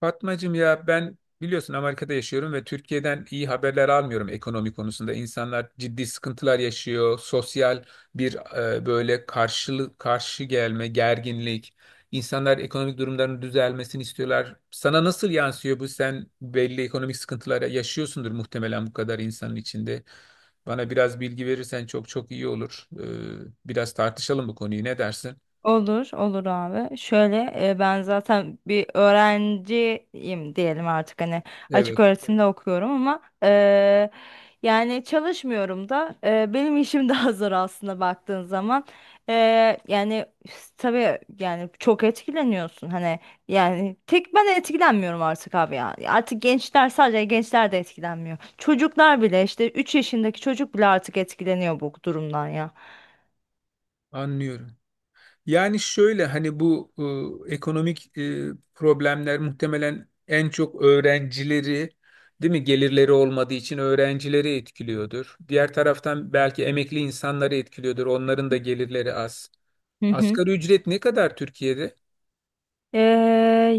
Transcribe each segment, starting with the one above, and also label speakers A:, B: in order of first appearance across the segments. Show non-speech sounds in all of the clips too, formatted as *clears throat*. A: Fatmacığım ya ben biliyorsun Amerika'da yaşıyorum ve Türkiye'den iyi haberler almıyorum ekonomi konusunda. İnsanlar ciddi sıkıntılar yaşıyor. Sosyal bir böyle karşılık karşı gelme, gerginlik. İnsanlar ekonomik durumlarının düzelmesini istiyorlar. Sana nasıl yansıyor bu? Sen belli ekonomik sıkıntılara yaşıyorsundur muhtemelen bu kadar insanın içinde. Bana biraz bilgi verirsen çok çok iyi olur. Biraz tartışalım bu konuyu. Ne dersin?
B: Olur, olur abi. Şöyle ben zaten bir öğrenciyim diyelim artık hani açık
A: Evet,
B: öğretimde okuyorum ama yani çalışmıyorum da benim işim *laughs* daha zor aslında baktığın zaman. E, Yani tabii yani çok etkileniyorsun hani yani tek ben etkilenmiyorum artık abi ya. Artık gençler sadece gençler de etkilenmiyor. Çocuklar bile işte 3 yaşındaki çocuk bile artık etkileniyor bu durumdan ya.
A: anlıyorum. Yani şöyle hani bu ekonomik problemler muhtemelen en çok öğrencileri, değil mi, gelirleri olmadığı için öğrencileri etkiliyordur. Diğer taraftan belki emekli insanları etkiliyordur. Onların da gelirleri az.
B: Hı hı.
A: Asgari ücret ne kadar Türkiye'de?
B: Ee,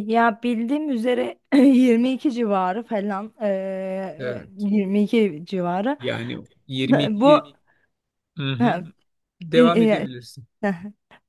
B: Ya bildiğim üzere *clears throat* 22 civarı falan
A: Evet.
B: 22 civarı
A: Yani
B: *laughs* bu
A: 22, hı
B: *laughs*
A: hı. Devam
B: Din, e,
A: edebilirsin.
B: Hı. *laughs*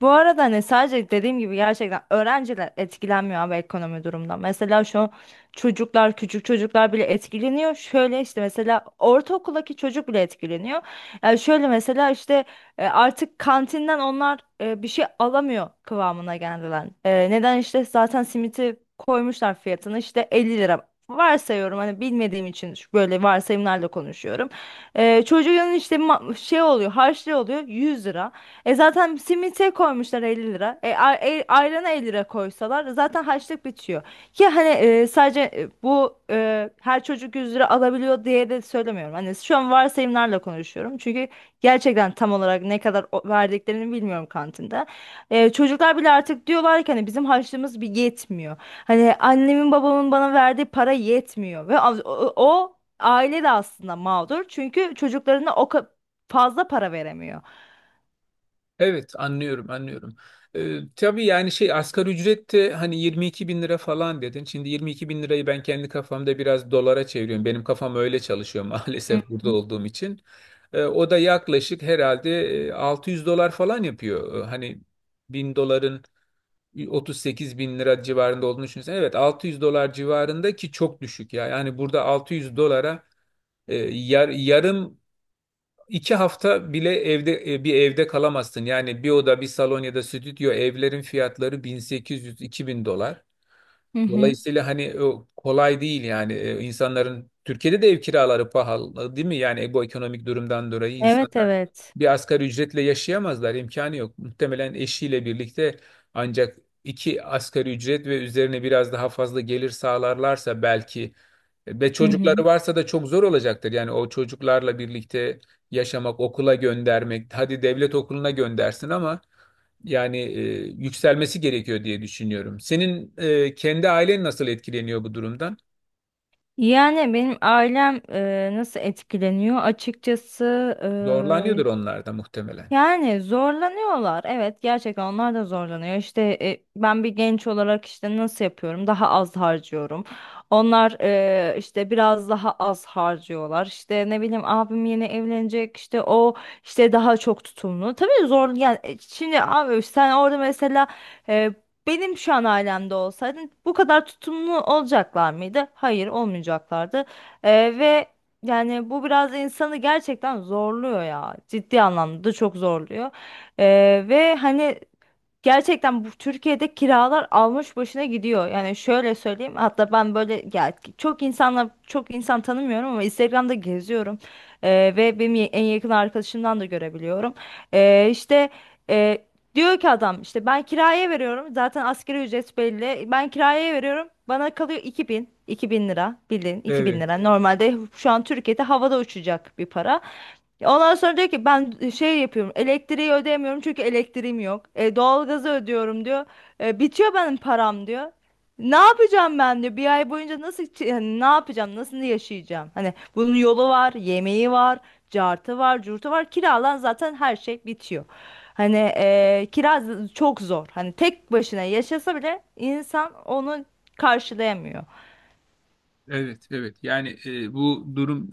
B: Bu arada hani sadece dediğim gibi gerçekten öğrenciler etkilenmiyor abi ekonomi durumdan. Mesela şu çocuklar, küçük çocuklar bile etkileniyor. Şöyle işte mesela ortaokuldaki çocuk bile etkileniyor. Yani şöyle mesela işte artık kantinden onlar bir şey alamıyor kıvamına geldiler. Neden işte zaten simiti koymuşlar fiyatını işte 50 lira. Varsayıyorum hani bilmediğim için böyle varsayımlarla konuşuyorum. Çocuğun işte şey oluyor harçlığı oluyor 100 lira. Zaten simite koymuşlar 50 lira. Ayrana 50 lira koysalar zaten harçlık bitiyor. Ki hani sadece bu her çocuk 100 lira alabiliyor diye de söylemiyorum. Hani şu an varsayımlarla konuşuyorum. Çünkü gerçekten tam olarak ne kadar verdiklerini bilmiyorum kantinde. Çocuklar bile artık diyorlar ki hani bizim harçlığımız bir yetmiyor. Hani annemin babamın bana verdiği para yetmiyor ve o aile de aslında mağdur. Çünkü çocuklarına fazla para veremiyor.
A: Evet, anlıyorum anlıyorum. Tabii yani şey asgari ücret de hani 22 bin lira falan dedin. Şimdi 22 bin lirayı ben kendi kafamda biraz dolara çeviriyorum. Benim kafam öyle çalışıyor *laughs*
B: Hı
A: maalesef burada
B: hı.
A: olduğum için. O da yaklaşık herhalde 600 dolar falan yapıyor. Hani 1000 doların 38 bin lira civarında olduğunu düşünsen. Evet, 600 dolar civarında ki çok düşük ya. Yani burada 600 dolara yarım İki hafta bile evde bir evde kalamazsın. Yani bir oda, bir salon ya da stüdyo evlerin fiyatları 1800-2000 dolar.
B: Hı hı.
A: Dolayısıyla hani o kolay değil yani. İnsanların Türkiye'de de ev kiraları pahalı değil mi? Yani bu ekonomik durumdan dolayı
B: Evet, evet.
A: bir asgari ücretle yaşayamazlar. İmkanı yok. Muhtemelen eşiyle birlikte ancak iki asgari ücret ve üzerine biraz daha fazla gelir sağlarlarsa belki ve
B: Hı hı.
A: çocukları varsa da çok zor olacaktır. Yani o çocuklarla birlikte yaşamak, okula göndermek, hadi devlet okuluna göndersin ama yani yükselmesi gerekiyor diye düşünüyorum. Senin kendi ailen nasıl etkileniyor bu durumdan?
B: Yani benim ailem nasıl etkileniyor? Açıkçası.
A: Zorlanıyordur onlar da muhtemelen.
B: Yani zorlanıyorlar. Evet, gerçekten onlar da zorlanıyor. İşte ben bir genç olarak işte nasıl yapıyorum? Daha az harcıyorum. Onlar işte biraz daha az harcıyorlar. İşte ne bileyim abim yeni evlenecek. İşte o işte daha çok tutumlu. Tabii zor yani şimdi abi sen orada mesela e, benim şu an ailemde olsaydın bu kadar tutumlu olacaklar mıydı? Hayır, olmayacaklardı. E, Ve yani bu biraz insanı gerçekten zorluyor ya. Ciddi anlamda da çok zorluyor. Ve hani gerçekten bu Türkiye'de kiralar almış başına gidiyor. Yani şöyle söyleyeyim, hatta ben böyle ya çok insan tanımıyorum ama Instagram'da geziyorum. Ve benim en yakın arkadaşımdan da görebiliyorum. İşte e, diyor ki adam, işte ben kiraya veriyorum zaten asgari ücret belli. Ben kiraya veriyorum, bana kalıyor 2000 bin lira, bildiğin iki bin
A: Evet.
B: lira. Normalde şu an Türkiye'de havada uçacak bir para. Ondan sonra diyor ki ben şey yapıyorum, elektriği ödeyemiyorum çünkü elektriğim yok. Doğalgazı ödüyorum diyor. Bitiyor benim param diyor. Ne yapacağım ben diyor. Bir ay boyunca nasıl hani ne yapacağım, nasıl yaşayacağım. Hani bunun yolu var, yemeği var, cartı var, curtu var, kiralan, zaten her şey bitiyor. Hani kira çok zor. Hani tek başına yaşasa bile insan onu karşılayamıyor.
A: Evet, evet. Yani bu durum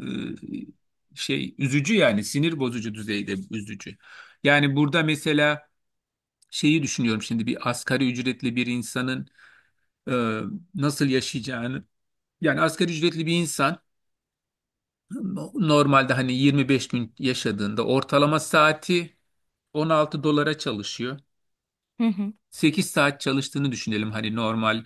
A: şey üzücü, yani sinir bozucu düzeyde üzücü. Yani burada mesela şeyi düşünüyorum şimdi bir asgari ücretli bir insanın e, nasıl yaşayacağını. Yani asgari ücretli bir insan normalde hani 25 gün yaşadığında ortalama saati 16 dolara çalışıyor.
B: Hı hı.
A: 8 saat çalıştığını düşünelim hani normal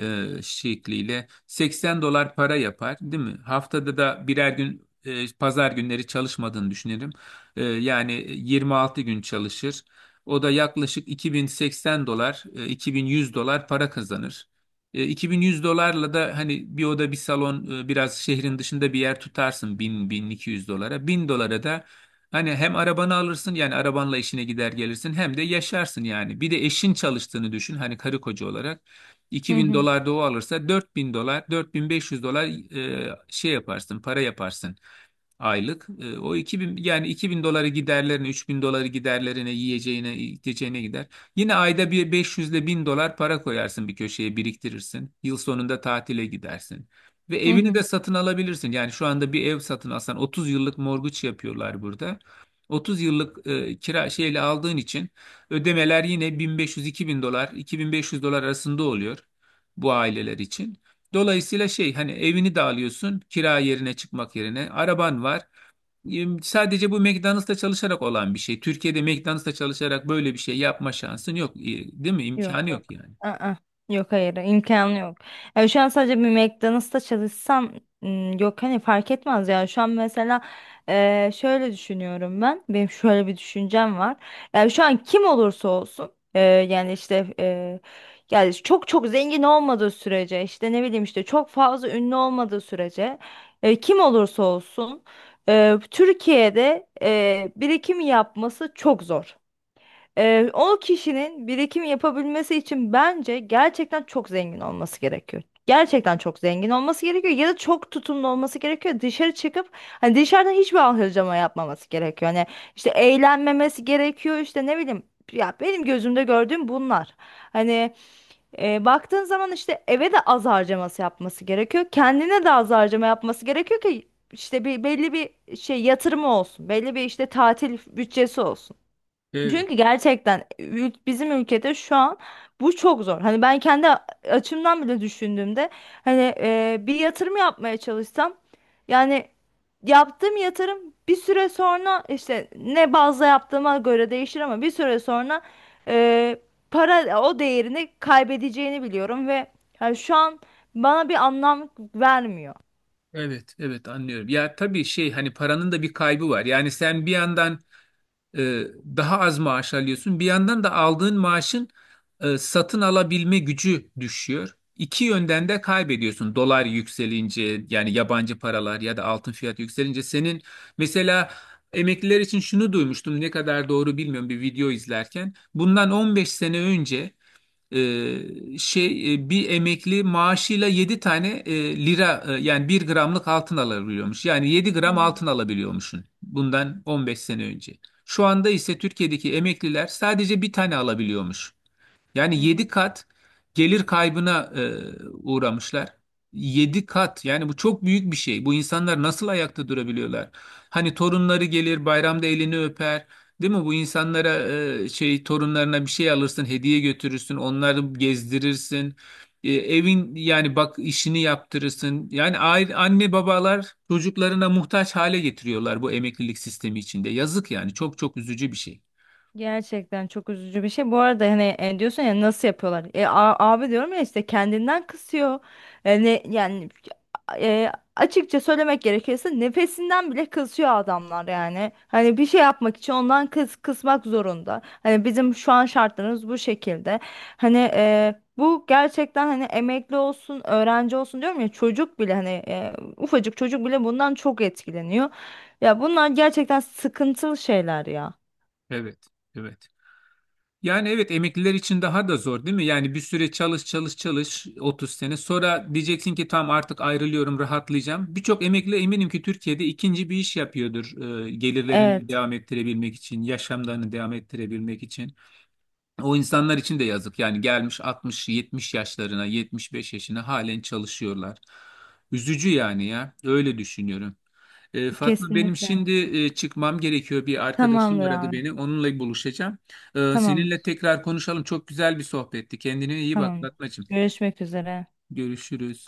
A: şekliyle 80 dolar para yapar değil mi? Haftada da birer gün pazar günleri çalışmadığını düşünelim. Yani 26 gün çalışır. O da yaklaşık 2080 dolar, 2100 dolar para kazanır. 2100 dolarla da hani bir oda bir salon biraz şehrin dışında bir yer tutarsın 1000-1200 dolara. 1000 dolara da hani hem arabanı alırsın yani arabanla işine gider gelirsin hem de yaşarsın yani. Bir de eşin çalıştığını düşün hani karı koca olarak.
B: Hı
A: 2000
B: hı.
A: dolar da o alırsa 4000 dolar, 4500 dolar şey yaparsın para yaparsın aylık. O iki bin, yani 2000 doları giderlerine, 3000 doları giderlerine, yiyeceğine, içeceğine gider. Yine ayda bir 500 ile 1000 dolar para koyarsın bir köşeye biriktirirsin. Yıl sonunda tatile gidersin. Ve
B: Hı
A: evini
B: hı.
A: de satın alabilirsin. Yani şu anda bir ev satın alsan 30 yıllık morguç yapıyorlar burada. 30 yıllık kira şeyle aldığın için ödemeler yine bin beş yüz iki bin dolar, 2500 dolar arasında oluyor bu aileler için. Dolayısıyla şey hani evini de alıyorsun kira yerine çıkmak yerine araban var. Sadece bu McDonald's'ta çalışarak olan bir şey. Türkiye'de McDonald's'ta çalışarak böyle bir şey yapma şansın yok, değil mi?
B: Yok,
A: İmkanı yok
B: yok.
A: yani.
B: Aa, yok, hayır, imkanı yok. Yani şu an sadece bir McDonald's'ta çalışsam, m, yok, hani fark etmez ya. Şu an mesela şöyle düşünüyorum ben. Benim şöyle bir düşüncem var. Yani şu an kim olursa olsun yani işte yani çok çok zengin olmadığı sürece, işte ne bileyim, işte çok fazla ünlü olmadığı sürece kim olursa olsun Türkiye'de birikim yapması çok zor. O kişinin birikim yapabilmesi için bence gerçekten çok zengin olması gerekiyor. Gerçekten çok zengin olması gerekiyor, ya da çok tutumlu olması gerekiyor. Dışarı çıkıp hani dışarıdan hiçbir harcama yapmaması gerekiyor. Hani işte eğlenmemesi gerekiyor, işte ne bileyim, ya benim gözümde gördüğüm bunlar. Hani baktığın zaman işte eve de az harcaması yapması gerekiyor. Kendine de az harcama yapması gerekiyor ki işte bir belli bir şey yatırımı olsun. Belli bir işte tatil bütçesi olsun.
A: Evet,
B: Çünkü gerçekten bizim ülkede şu an bu çok zor. Hani ben kendi açımdan bile düşündüğümde hani bir yatırım yapmaya çalışsam, yani yaptığım yatırım bir süre sonra, işte ne bazda yaptığıma göre değişir, ama bir süre sonra e, para o değerini kaybedeceğini biliyorum ve yani şu an bana bir anlam vermiyor.
A: evet, evet, anlıyorum. Ya tabii şey hani paranın da bir kaybı var. Yani sen bir yandan e, daha az maaş alıyorsun. Bir yandan da aldığın maaşın satın alabilme gücü düşüyor. İki yönden de kaybediyorsun. Dolar yükselince yani yabancı paralar ya da altın fiyatı yükselince senin mesela emekliler için şunu duymuştum ne kadar doğru bilmiyorum bir video izlerken. Bundan 15 sene önce şey bir emekli maaşıyla 7 tane lira yani bir gramlık altın alabiliyormuş. Yani yedi
B: Hı
A: gram
B: hı.
A: altın alabiliyormuşsun bundan 15 sene önce. Şu anda ise Türkiye'deki emekliler sadece bir tane alabiliyormuş.
B: Hı
A: Yani 7
B: hı.
A: kat gelir kaybına uğramışlar. 7 kat yani bu çok büyük bir şey. Bu insanlar nasıl ayakta durabiliyorlar? Hani torunları gelir bayramda elini öper. Değil mi? Bu insanlara şey torunlarına bir şey alırsın, hediye götürürsün, onları gezdirirsin. Evin yani bak işini yaptırırsın. Yani aile, anne babalar çocuklarına muhtaç hale getiriyorlar bu emeklilik sistemi içinde. Yazık yani çok çok üzücü bir şey.
B: Gerçekten çok üzücü bir şey. Bu arada hani diyorsun ya nasıl yapıyorlar? Abi diyorum ya işte kendinden kısıyor. Yani açıkça söylemek gerekirse nefesinden bile kısıyor adamlar yani. Hani bir şey yapmak için ondan kısmak zorunda. Hani bizim şu an şartlarımız bu şekilde. Hani bu gerçekten, hani emekli olsun, öğrenci olsun, diyorum ya çocuk bile, hani ufacık çocuk bile bundan çok etkileniyor. Ya bunlar gerçekten sıkıntılı şeyler ya.
A: Evet, evet. Yani evet, emekliler için daha da zor değil mi? Yani bir süre çalış çalış çalış 30 sene sonra diyeceksin ki tamam artık ayrılıyorum rahatlayacağım. Birçok emekli eminim ki Türkiye'de ikinci bir iş yapıyordur gelirlerini
B: Evet,
A: devam ettirebilmek için, yaşamlarını devam ettirebilmek için. O insanlar için de yazık yani gelmiş 60-70 yaşlarına 75 yaşına halen çalışıyorlar. Üzücü yani ya öyle düşünüyorum. Fatma benim
B: kesinlikle.
A: şimdi çıkmam gerekiyor. Bir arkadaşım
B: Tamamdır
A: aradı
B: abi.
A: beni. Onunla buluşacağım. Seninle
B: Tamamdır.
A: tekrar konuşalım. Çok güzel bir sohbetti. Kendine iyi bak
B: Tamamdır.
A: Fatmacığım.
B: Görüşmek üzere.
A: Görüşürüz.